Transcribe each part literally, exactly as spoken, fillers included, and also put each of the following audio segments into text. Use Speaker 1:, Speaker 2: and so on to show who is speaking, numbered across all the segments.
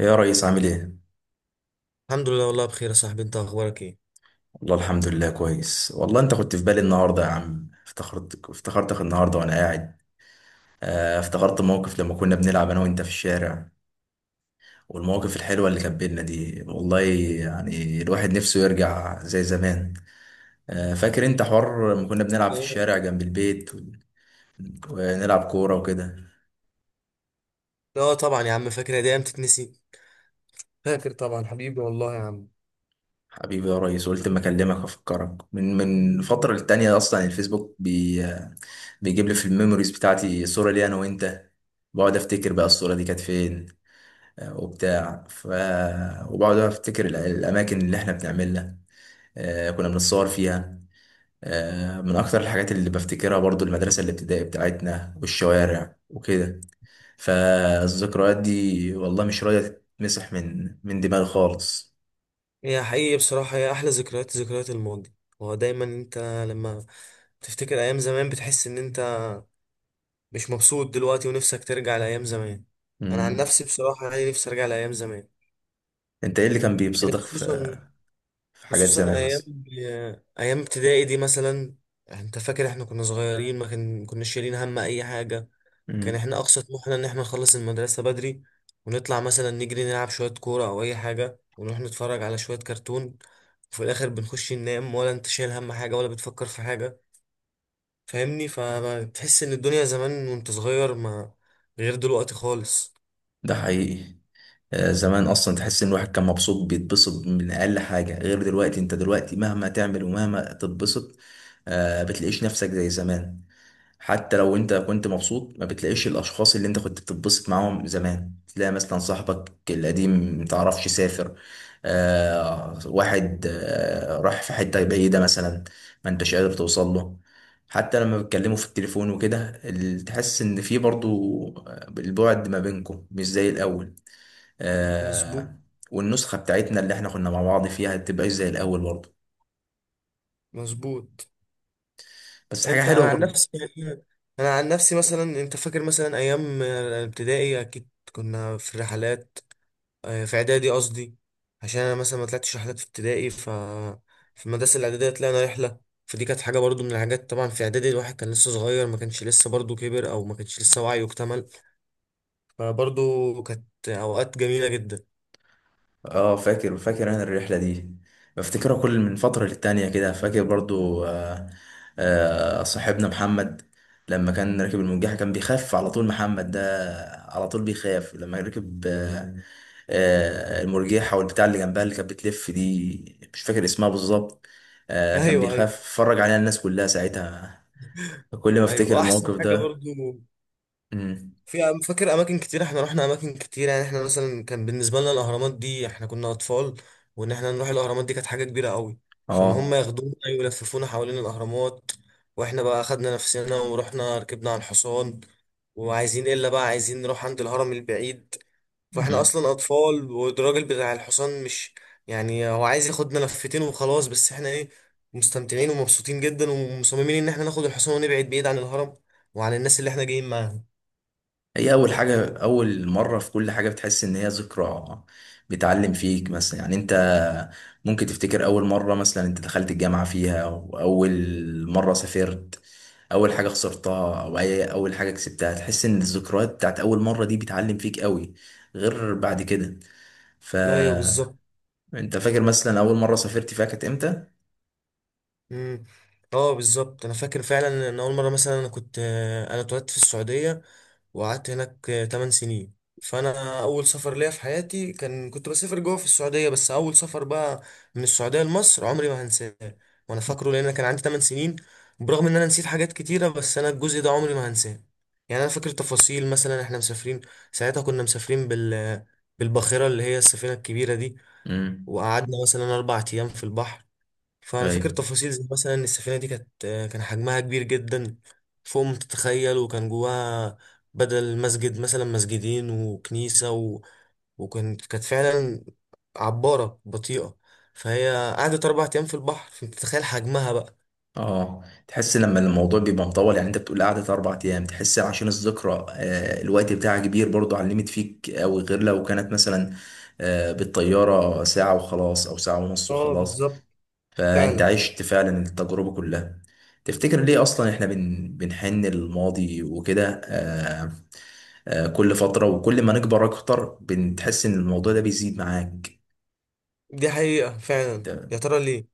Speaker 1: إيه يا ريس، عامل ايه؟
Speaker 2: الحمد لله، والله بخير يا صاحبي، انت اخبارك ايه؟
Speaker 1: والله الحمد لله كويس. والله انت كنت في بالي النهارده يا عم، افتخرت افتخرتك النهارده وانا قاعد. آه، افتخرت موقف لما كنا بنلعب انا وانت في الشارع. والمواقف الحلوه اللي كانت بينا دي والله. يعني الواحد نفسه يرجع زي زمان. آه، فاكر انت حوار لما كنا بنلعب في
Speaker 2: اه.
Speaker 1: الشارع جنب البيت و- ونلعب كوره وكده.
Speaker 2: اه، طبعا يا عم فاكر، دي ايام تتنسي. فاكر طبعا، حبيبي والله يا عم.
Speaker 1: حبيبي يا ريس، قلت ما اكلمك افكرك من من فتره للتانيه. اصلا الفيسبوك بي بيجيب لي في الميموريز بتاعتي صوره لي انا وانت. بقعد افتكر بقى الصوره دي كانت فين. آه، وبتاع ف وبقعد افتكر ال- الاماكن اللي احنا بنعملها. آه، كنا بنتصور فيها. آه، من اكتر الحاجات اللي بفتكرها برضو، المدرسه الابتدائيه بتاعتنا والشوارع وكده. فالذكريات دي والله مش راضيه تتمسح من من دماغي خالص.
Speaker 2: هي حقيقي بصراحة، هي احلى ذكريات، ذكريات الماضي. هو دايما انت، لما تفتكر ايام زمان بتحس ان انت مش مبسوط دلوقتي، ونفسك ترجع لايام زمان. انا عن
Speaker 1: مم.
Speaker 2: نفسي بصراحة يعني، نفسي ارجع لايام زمان.
Speaker 1: انت ايه اللي كان
Speaker 2: يعني
Speaker 1: بيبسطك في
Speaker 2: خصوصا
Speaker 1: في حاجات
Speaker 2: خصوصا
Speaker 1: زمان
Speaker 2: ايام
Speaker 1: مثلا؟
Speaker 2: ايام ابتدائي دي مثلا. انت فاكر احنا كنا صغيرين، ما كان- ما كناش شايلين هم اي حاجة. كان
Speaker 1: امم.
Speaker 2: احنا اقصى طموحنا ان احنا نخلص المدرسة بدري، ونطلع مثلا نجري نلعب شوية كورة او اي حاجة، ونروح نتفرج على شوية كرتون، وفي الاخر بنخش ننام، ولا انت شايل هم حاجة ولا بتفكر في حاجة، فاهمني؟ فبتحس ان الدنيا زمان وانت صغير، ما غير دلوقتي خالص.
Speaker 1: ده حقيقي. آه، زمان اصلا تحس ان الواحد كان مبسوط، بيتبسط من اقل حاجه. غير دلوقتي، انت دلوقتي مهما تعمل ومهما تتبسط، آه بتلاقيش نفسك زي زمان. حتى لو انت كنت مبسوط، ما بتلاقيش الاشخاص اللي انت كنت بتتبسط معاهم زمان. تلاقي مثلا صاحبك القديم، متعرفش سافر، آه واحد آه راح في حتة بعيدة مثلا، ما انتش قادر توصل له. حتى لما بتكلموا في التليفون وكده، ال- تحس ان في برضو، آه، البعد ما بينكم مش زي الاول.
Speaker 2: مظبوط.
Speaker 1: آه. والنسخة بتاعتنا اللي احنا كنا مع بعض فيها تبقى زي الاول برضو.
Speaker 2: مظبوط.
Speaker 1: بس حاجة
Speaker 2: انت انا
Speaker 1: حلوة
Speaker 2: عن
Speaker 1: برضو.
Speaker 2: نفسي يعني، انا عن نفسي مثلا، انت فاكر مثلا ايام الابتدائي اكيد كنا في الرحلات، آه، في اعدادي قصدي. عشان انا مثلا ما طلعتش رحلات في ابتدائي، ف في المدرسه الاعداديه طلعنا رحله، فدي كانت حاجه برضو من الحاجات. طبعا في اعدادي الواحد كان لسه صغير، ما كانش لسه برضو كبر، او ما كانش لسه وعيه اكتمل، فبرضو كانت اوقات جميله جدا.
Speaker 1: اه، فاكر فاكر انا الرحله دي. بفتكرها كل من فتره للتانيه كده، فاكر برضو آه آه صاحبنا محمد، لما كان راكب المرجحه كان بيخاف على طول. محمد ده على طول بيخاف لما ركب آه آه المرجحه والبتاع اللي جنبها اللي كانت بتلف دي، مش فاكر اسمها بالظبط. آه كان
Speaker 2: ايوه، ايوه.
Speaker 1: بيخاف، اتفرج عليها الناس كلها ساعتها كل ما
Speaker 2: ايوه،
Speaker 1: افتكر الموقف
Speaker 2: واحسن حاجه
Speaker 1: ده.
Speaker 2: برضو،
Speaker 1: مم.
Speaker 2: في أم- فاكر اماكن كتير، احنا رحنا اماكن كتير، يعني احنا مثلا كان بالنسبه لنا الاهرامات دي، احنا كنا اطفال، وان احنا نروح الاهرامات دي كانت حاجه كبيره قوي، فان هم
Speaker 1: اه.
Speaker 2: ياخدونا ويلففونا حوالين الاهرامات، واحنا بقى اخدنا نفسنا ورحنا ركبنا على الحصان، وعايزين الا بقى عايزين نروح عند الهرم البعيد، فاحنا
Speaker 1: مم.
Speaker 2: اصلا اطفال، والراجل بتاع الحصان مش، يعني هو عايز ياخدنا لفتين وخلاص، بس احنا ايه، مستمتعين ومبسوطين جدا ومصممين ان احنا ناخد الحصان ونبعد بعيد عن الهرم، وعن الناس اللي احنا جايين معاهم.
Speaker 1: هي أول حاجة، أول مرة في كل حاجة بتحس إن هي ذكرى. بتعلم فيك مثلا، يعني أنت ممكن تفتكر أول مرة مثلا أنت دخلت الجامعة فيها، وأول مرة سافرت، أول حاجة خسرتها أو أي أول حاجة كسبتها، تحس إن الذكريات بتاعت أول مرة دي بتعلم فيك قوي، غير بعد كده.
Speaker 2: ايوه بالظبط.
Speaker 1: فأنت فاكر مثلا أول مرة سافرت فيها كانت إمتى؟
Speaker 2: امم. اه بالظبط، انا فاكر فعلا ان اول مره مثلا انا كنت آه، انا اتولدت في السعوديه، وقعدت هناك ثماني سنين. فانا اول سفر ليا في حياتي، كان كنت بسافر جوه في السعوديه، بس اول سفر بقى من السعوديه لمصر عمري ما هنساه. وانا فاكره لان أنا كان عندي تمن سنين، برغم ان انا نسيت حاجات كتيره بس انا الجزء ده عمري ما هنساه. يعني انا فاكر تفاصيل، مثلا احنا مسافرين، ساعتها كنا مسافرين بال بالباخره اللي هي السفينه الكبيره دي، وقعدنا مثلا اربع ايام في البحر. فانا فاكر
Speaker 1: امم.
Speaker 2: تفاصيل زي مثلا إن السفينه دي كانت آه، كان حجمها كبير جدا، فوق ما تتخيل، وكان جواها بدل مسجد مثلا مسجدين وكنيسه، و... وكانت كانت فعلا عباره بطيئه، فهي قعدت اربع ايام في البحر، فانت تتخيل حجمها بقى.
Speaker 1: اه. تحس لما الموضوع بيبقى مطول، يعني انت بتقول قعدة اربع ايام، تحس عشان الذكرى آه، الوقت بتاعها كبير برضو، علمت فيك اوي غير لو كانت مثلا آه، بالطيارة ساعة وخلاص، او ساعة ونص
Speaker 2: اه
Speaker 1: وخلاص.
Speaker 2: بالظبط.
Speaker 1: فانت
Speaker 2: فعلا.
Speaker 1: عشت فعلا التجربة كلها. تفتكر ليه اصلا احنا بن بنحن للماضي وكده. آه، آه، كل فترة وكل ما نكبر اكتر بنتحس ان الموضوع ده بيزيد معاك.
Speaker 2: دي حقيقه فعلا، يا
Speaker 1: أنت-
Speaker 2: ترى ليه؟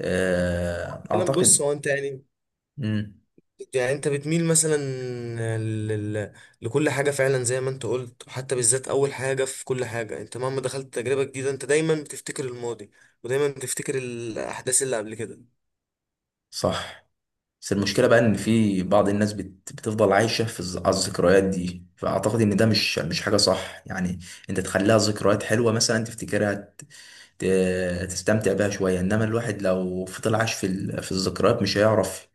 Speaker 1: آه،
Speaker 2: فعلا بص،
Speaker 1: اعتقد.
Speaker 2: هو انت يعني،
Speaker 1: مم،
Speaker 2: يعني انت بتميل مثلا لل... لكل حاجة، فعلا زي ما انت قلت، وحتى بالذات اول حاجة في كل حاجة، انت مهما دخلت تجربة جديدة انت دايما بتفتكر الماضي، ودايما بتفتكر الاحداث اللي قبل كده.
Speaker 1: صح. بس المشكلة بقى إن في بعض الناس بت... بتفضل عايشة في الز- على الذكريات دي، فأعتقد إن ده مش مش حاجة صح يعني. أنت تخليها ذكريات حلوة مثلا، تفتكرها ت... ت... تستمتع بيها شوية، إنما الواحد لو فضل عايش في ال... في الذكريات مش هيعرف،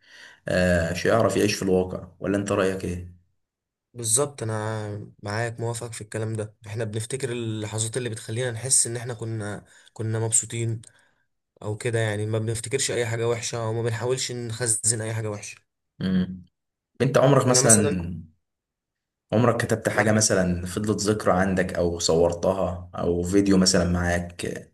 Speaker 1: آه مش هيعرف يعيش في الواقع. ولا أنت رأيك إيه؟
Speaker 2: بالظبط، انا معاك موافق في الكلام ده، احنا بنفتكر اللحظات اللي بتخلينا نحس ان احنا كنا كنا مبسوطين، او كده يعني، ما بنفتكرش اي حاجة وحشة وما بنحاولش نخزن اي حاجة وحشة.
Speaker 1: مم. أنت عمرك
Speaker 2: انا مثلا.
Speaker 1: مثلا عمرك كتبت حاجة
Speaker 2: معاك.
Speaker 1: مثلا فضلت ذكرى عندك، أو صورتها أو فيديو مثلا معاك،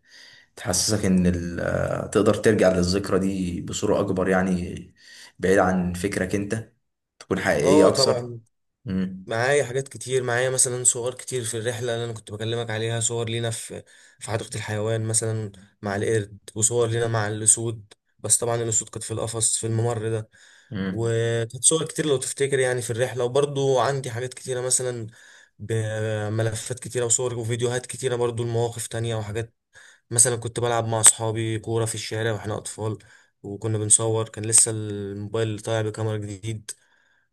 Speaker 1: تحسسك ان ال- تقدر ترجع للذكرى دي بصورة اكبر، يعني بعيد عن فكرك انت تكون حقيقية
Speaker 2: اه
Speaker 1: اكثر؟
Speaker 2: طبعا.
Speaker 1: مم.
Speaker 2: معايا حاجات كتير، معايا مثلا صور كتير في الرحلة اللي أنا كنت بكلمك عليها، صور لينا في في حديقة الحيوان مثلا مع القرد، وصور لينا مع الأسود، بس طبعا الأسود كانت في القفص في الممر ده،
Speaker 1: مم.
Speaker 2: وكانت صور كتير لو تفتكر يعني في الرحلة. وبرضو عندي حاجات كتيرة، مثلا بملفات كتيرة وصور وفيديوهات كتيرة برضو لمواقف تانية وحاجات، مثلا كنت بلعب مع أصحابي كورة في الشارع وإحنا أطفال، وكنا بنصور، كان لسه الموبايل طالع بكاميرا جديد،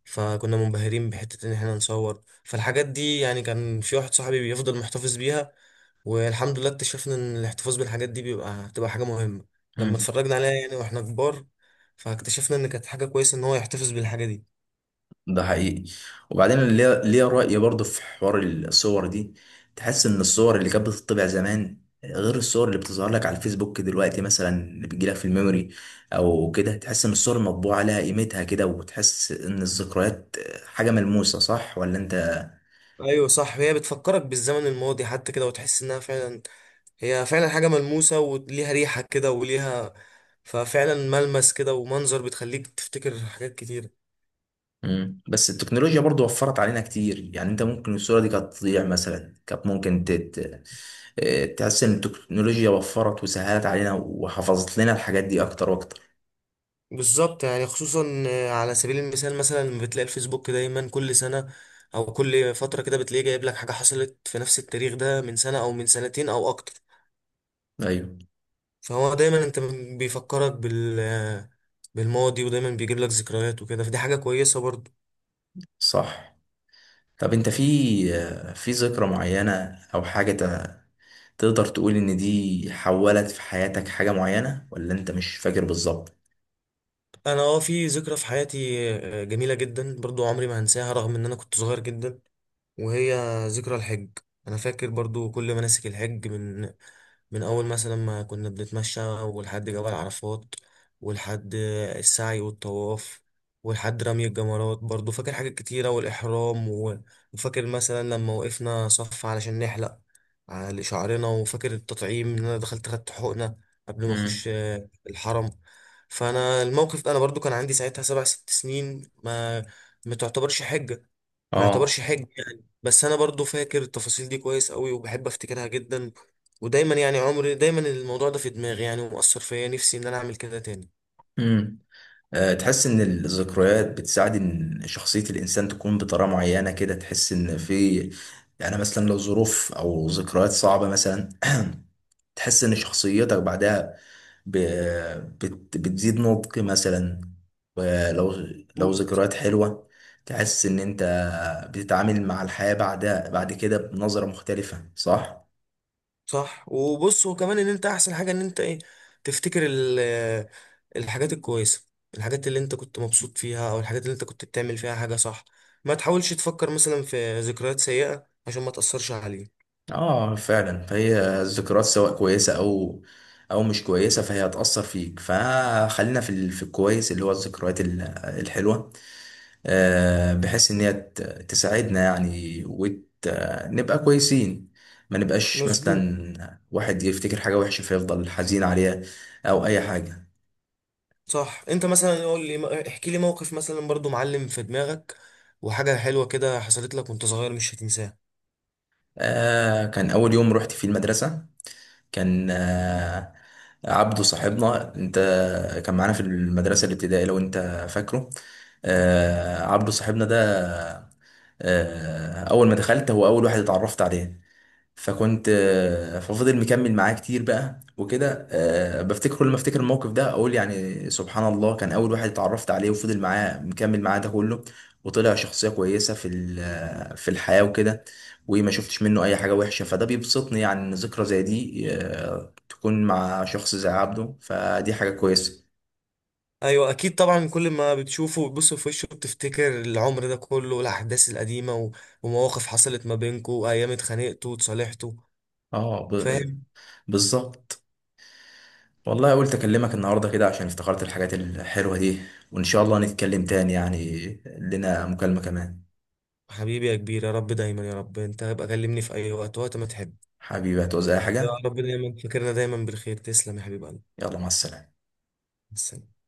Speaker 2: فكنا منبهرين بحتة إن إحنا نصور، فالحاجات دي يعني كان في واحد صاحبي بيفضل محتفظ بيها، والحمد لله اكتشفنا إن الاحتفاظ بالحاجات دي بيبقى هتبقى حاجة مهمة لما
Speaker 1: مم.
Speaker 2: اتفرجنا عليها يعني وإحنا كبار، فاكتشفنا إن كانت حاجة كويسة إن هو يحتفظ بالحاجة دي.
Speaker 1: ده حقيقي. وبعدين ليا ليا رأي برضه في حوار الصور دي. تحس ان الصور اللي كانت بتطبع زمان غير الصور اللي بتظهر لك على الفيسبوك دلوقتي مثلا، اللي بتجيلك في الميموري او كده. تحس ان الصور المطبوعة لها قيمتها كده، وتحس ان الذكريات حاجة ملموسة، صح ولا انت؟
Speaker 2: أيوة صح، هي بتفكرك بالزمن الماضي حتى كده، وتحس إنها فعلا، هي فعلا حاجة ملموسة وليها ريحة كده وليها، ففعلا ملمس كده ومنظر، بتخليك تفتكر حاجات كتير.
Speaker 1: مم. بس التكنولوجيا برضو وفرت علينا كتير، يعني انت ممكن الصورة دي كانت تضيع مثلا، كانت ممكن تت... اه، تحس ان التكنولوجيا وفرت وسهلت علينا وحفظت لنا الحاجات دي اكتر واكتر.
Speaker 2: بالظبط يعني، خصوصا، آه، على سبيل المثال مثلا لما بتلاقي الفيسبوك دايما كل سنة او كل فترة كده، بتلاقيه جايب لك حاجة حصلت في نفس التاريخ ده من سنة او من سنتين او اكتر.
Speaker 1: ايوه،
Speaker 2: فهو دايما انت بيفكرك بال آه، بالماضي، ودايما بيجيب لك ذكريات وكده، فدي حاجة كويسة برضو.
Speaker 1: صح. طب انت في اه، في ذكرى معينة او حاجة ت- تقدر تقول ان دي حولت في حياتك حاجة معينة، ولا انت مش فاكر بالظبط؟
Speaker 2: انا، اه في ذكرى في حياتي، آه، جميلة جدا برضو عمري ما هنساها، رغم ان انا كنت صغير جدا، وهي ذكرى الحج. انا فاكر برضو كل مناسك الحج، من من أول مثلا ما كنا بنتمشى، ولحد جبل عرفات، ولحد السعي والطواف، ولحد رمي الجمرات برضو، فاكر حاجات كتيرة، والإحرام و- وفاكر مثلا لما وقفنا صف علشان نحلق على شعرنا، وفاكر التطعيم إن أنا دخلت خدت حقنة قبل ما
Speaker 1: امم.
Speaker 2: أخش آه، الحرم. فأنا الموقف ده، أنا برضو كان عندي ساعتها سبع ست سنين، ما ما تعتبرش حجة، ما يعتبرش
Speaker 1: اه.
Speaker 2: حج يعني، بس انا برضو فاكر التفاصيل دي كويس قوي، وبحب افتكرها جدا، ودايما يعني عمري دايما الموضوع ده في دماغي يعني، ومؤثر فيا نفسي ان انا اعمل كده تاني.
Speaker 1: آه، تحس ان الذكريات بتساعد ان شخصية الانسان تكون بطريقة معينة كده. تحس ان في يعني مثلا لو ظروف او ذكريات صعبة مثلا، تحس ان شخصيتك بعدها ب- بت- بتزيد نضج مثلا. ولو لو
Speaker 2: مم.
Speaker 1: ذكريات حلوة، تحس ان انت بتتعامل مع الحياة بعدها بعد كده بنظرة مختلفة، صح؟
Speaker 2: صح، وبص، وكمان ان انت احسن حاجة ان انت ايه، تفتكر ال- آه، الحاجات الكويسة، الحاجات اللي انت كنت مبسوط فيها، او الحاجات اللي انت كنت بتعمل فيها حاجة صح، ما تحاولش تفكر مثلا في ذكريات سيئة عشان ما تأثرش عليك.
Speaker 1: اه، فعلا. فهي الذكريات سواء كويسه او او مش كويسه فهي هتاثر فيك، فخلينا في ال- في الكويس اللي هو الذكريات ال- الحلوه، آه بحيث ان هي ت- تساعدنا يعني ونبقى كويسين. ما نبقاش
Speaker 2: مظبوط.
Speaker 1: مثلا واحد يفتكر حاجه وحشه، فيفضل حزين عليها او اي حاجه.
Speaker 2: صح، انت مثلا قول لي، احكي لي موقف مثلا برضو معلم في دماغك، وحاجة حلوة كده حصلت لك وانت صغير مش هتنساها.
Speaker 1: آه كان اول يوم رحت فيه المدرسه، كان آه، عبده صاحبنا، انت كان معانا في المدرسة الابتدائية لو انت فاكره. آه، عبده صاحبنا ده، آه، اول ما دخلت هو اول واحد اتعرفت عليه. فكنت آه، ففضل مكمل معاه كتير بقى وكده. آه، بفتكر كل ما افتكر الموقف ده، اقول يعني سبحان الله، كان اول واحد اتعرفت عليه وفضل معاه، مكمل معاه ده كله، وطلع شخصية كويسة في ال- آه، في الحياة وكده. وما شفتش منه اي حاجة وحشة، فده بيبسطني يعني. ان ذكرى زي دي آه، تكون مع شخص زي عبده، فدي حاجة كويسة.
Speaker 2: ايوه اكيد طبعا، كل ما بتشوفه وتبص في وشه بتفتكر العمر ده كله والاحداث القديمة، و- ومواقف حصلت ما بينكو، وايام اتخانقتوا وتصالحتوا.
Speaker 1: اه، ب-
Speaker 2: فاهم.
Speaker 1: بالظبط. والله قلت اكلمك النهارده كده عشان افتكرت الحاجات الحلوة دي، وان شاء الله نتكلم تاني يعني، لنا مكالمة كمان.
Speaker 2: حبيبي يا كبير، يا رب دايما، يا رب انت ابقى كلمني في اي وقت وقت ما تحب.
Speaker 1: حبيبي، هتعوز اي
Speaker 2: يا
Speaker 1: حاجة؟
Speaker 2: رب دايما فاكرنا دايما بالخير، تسلم يا حبيب قلبي.
Speaker 1: يلا، مع السلامة.
Speaker 2: مع السلامة.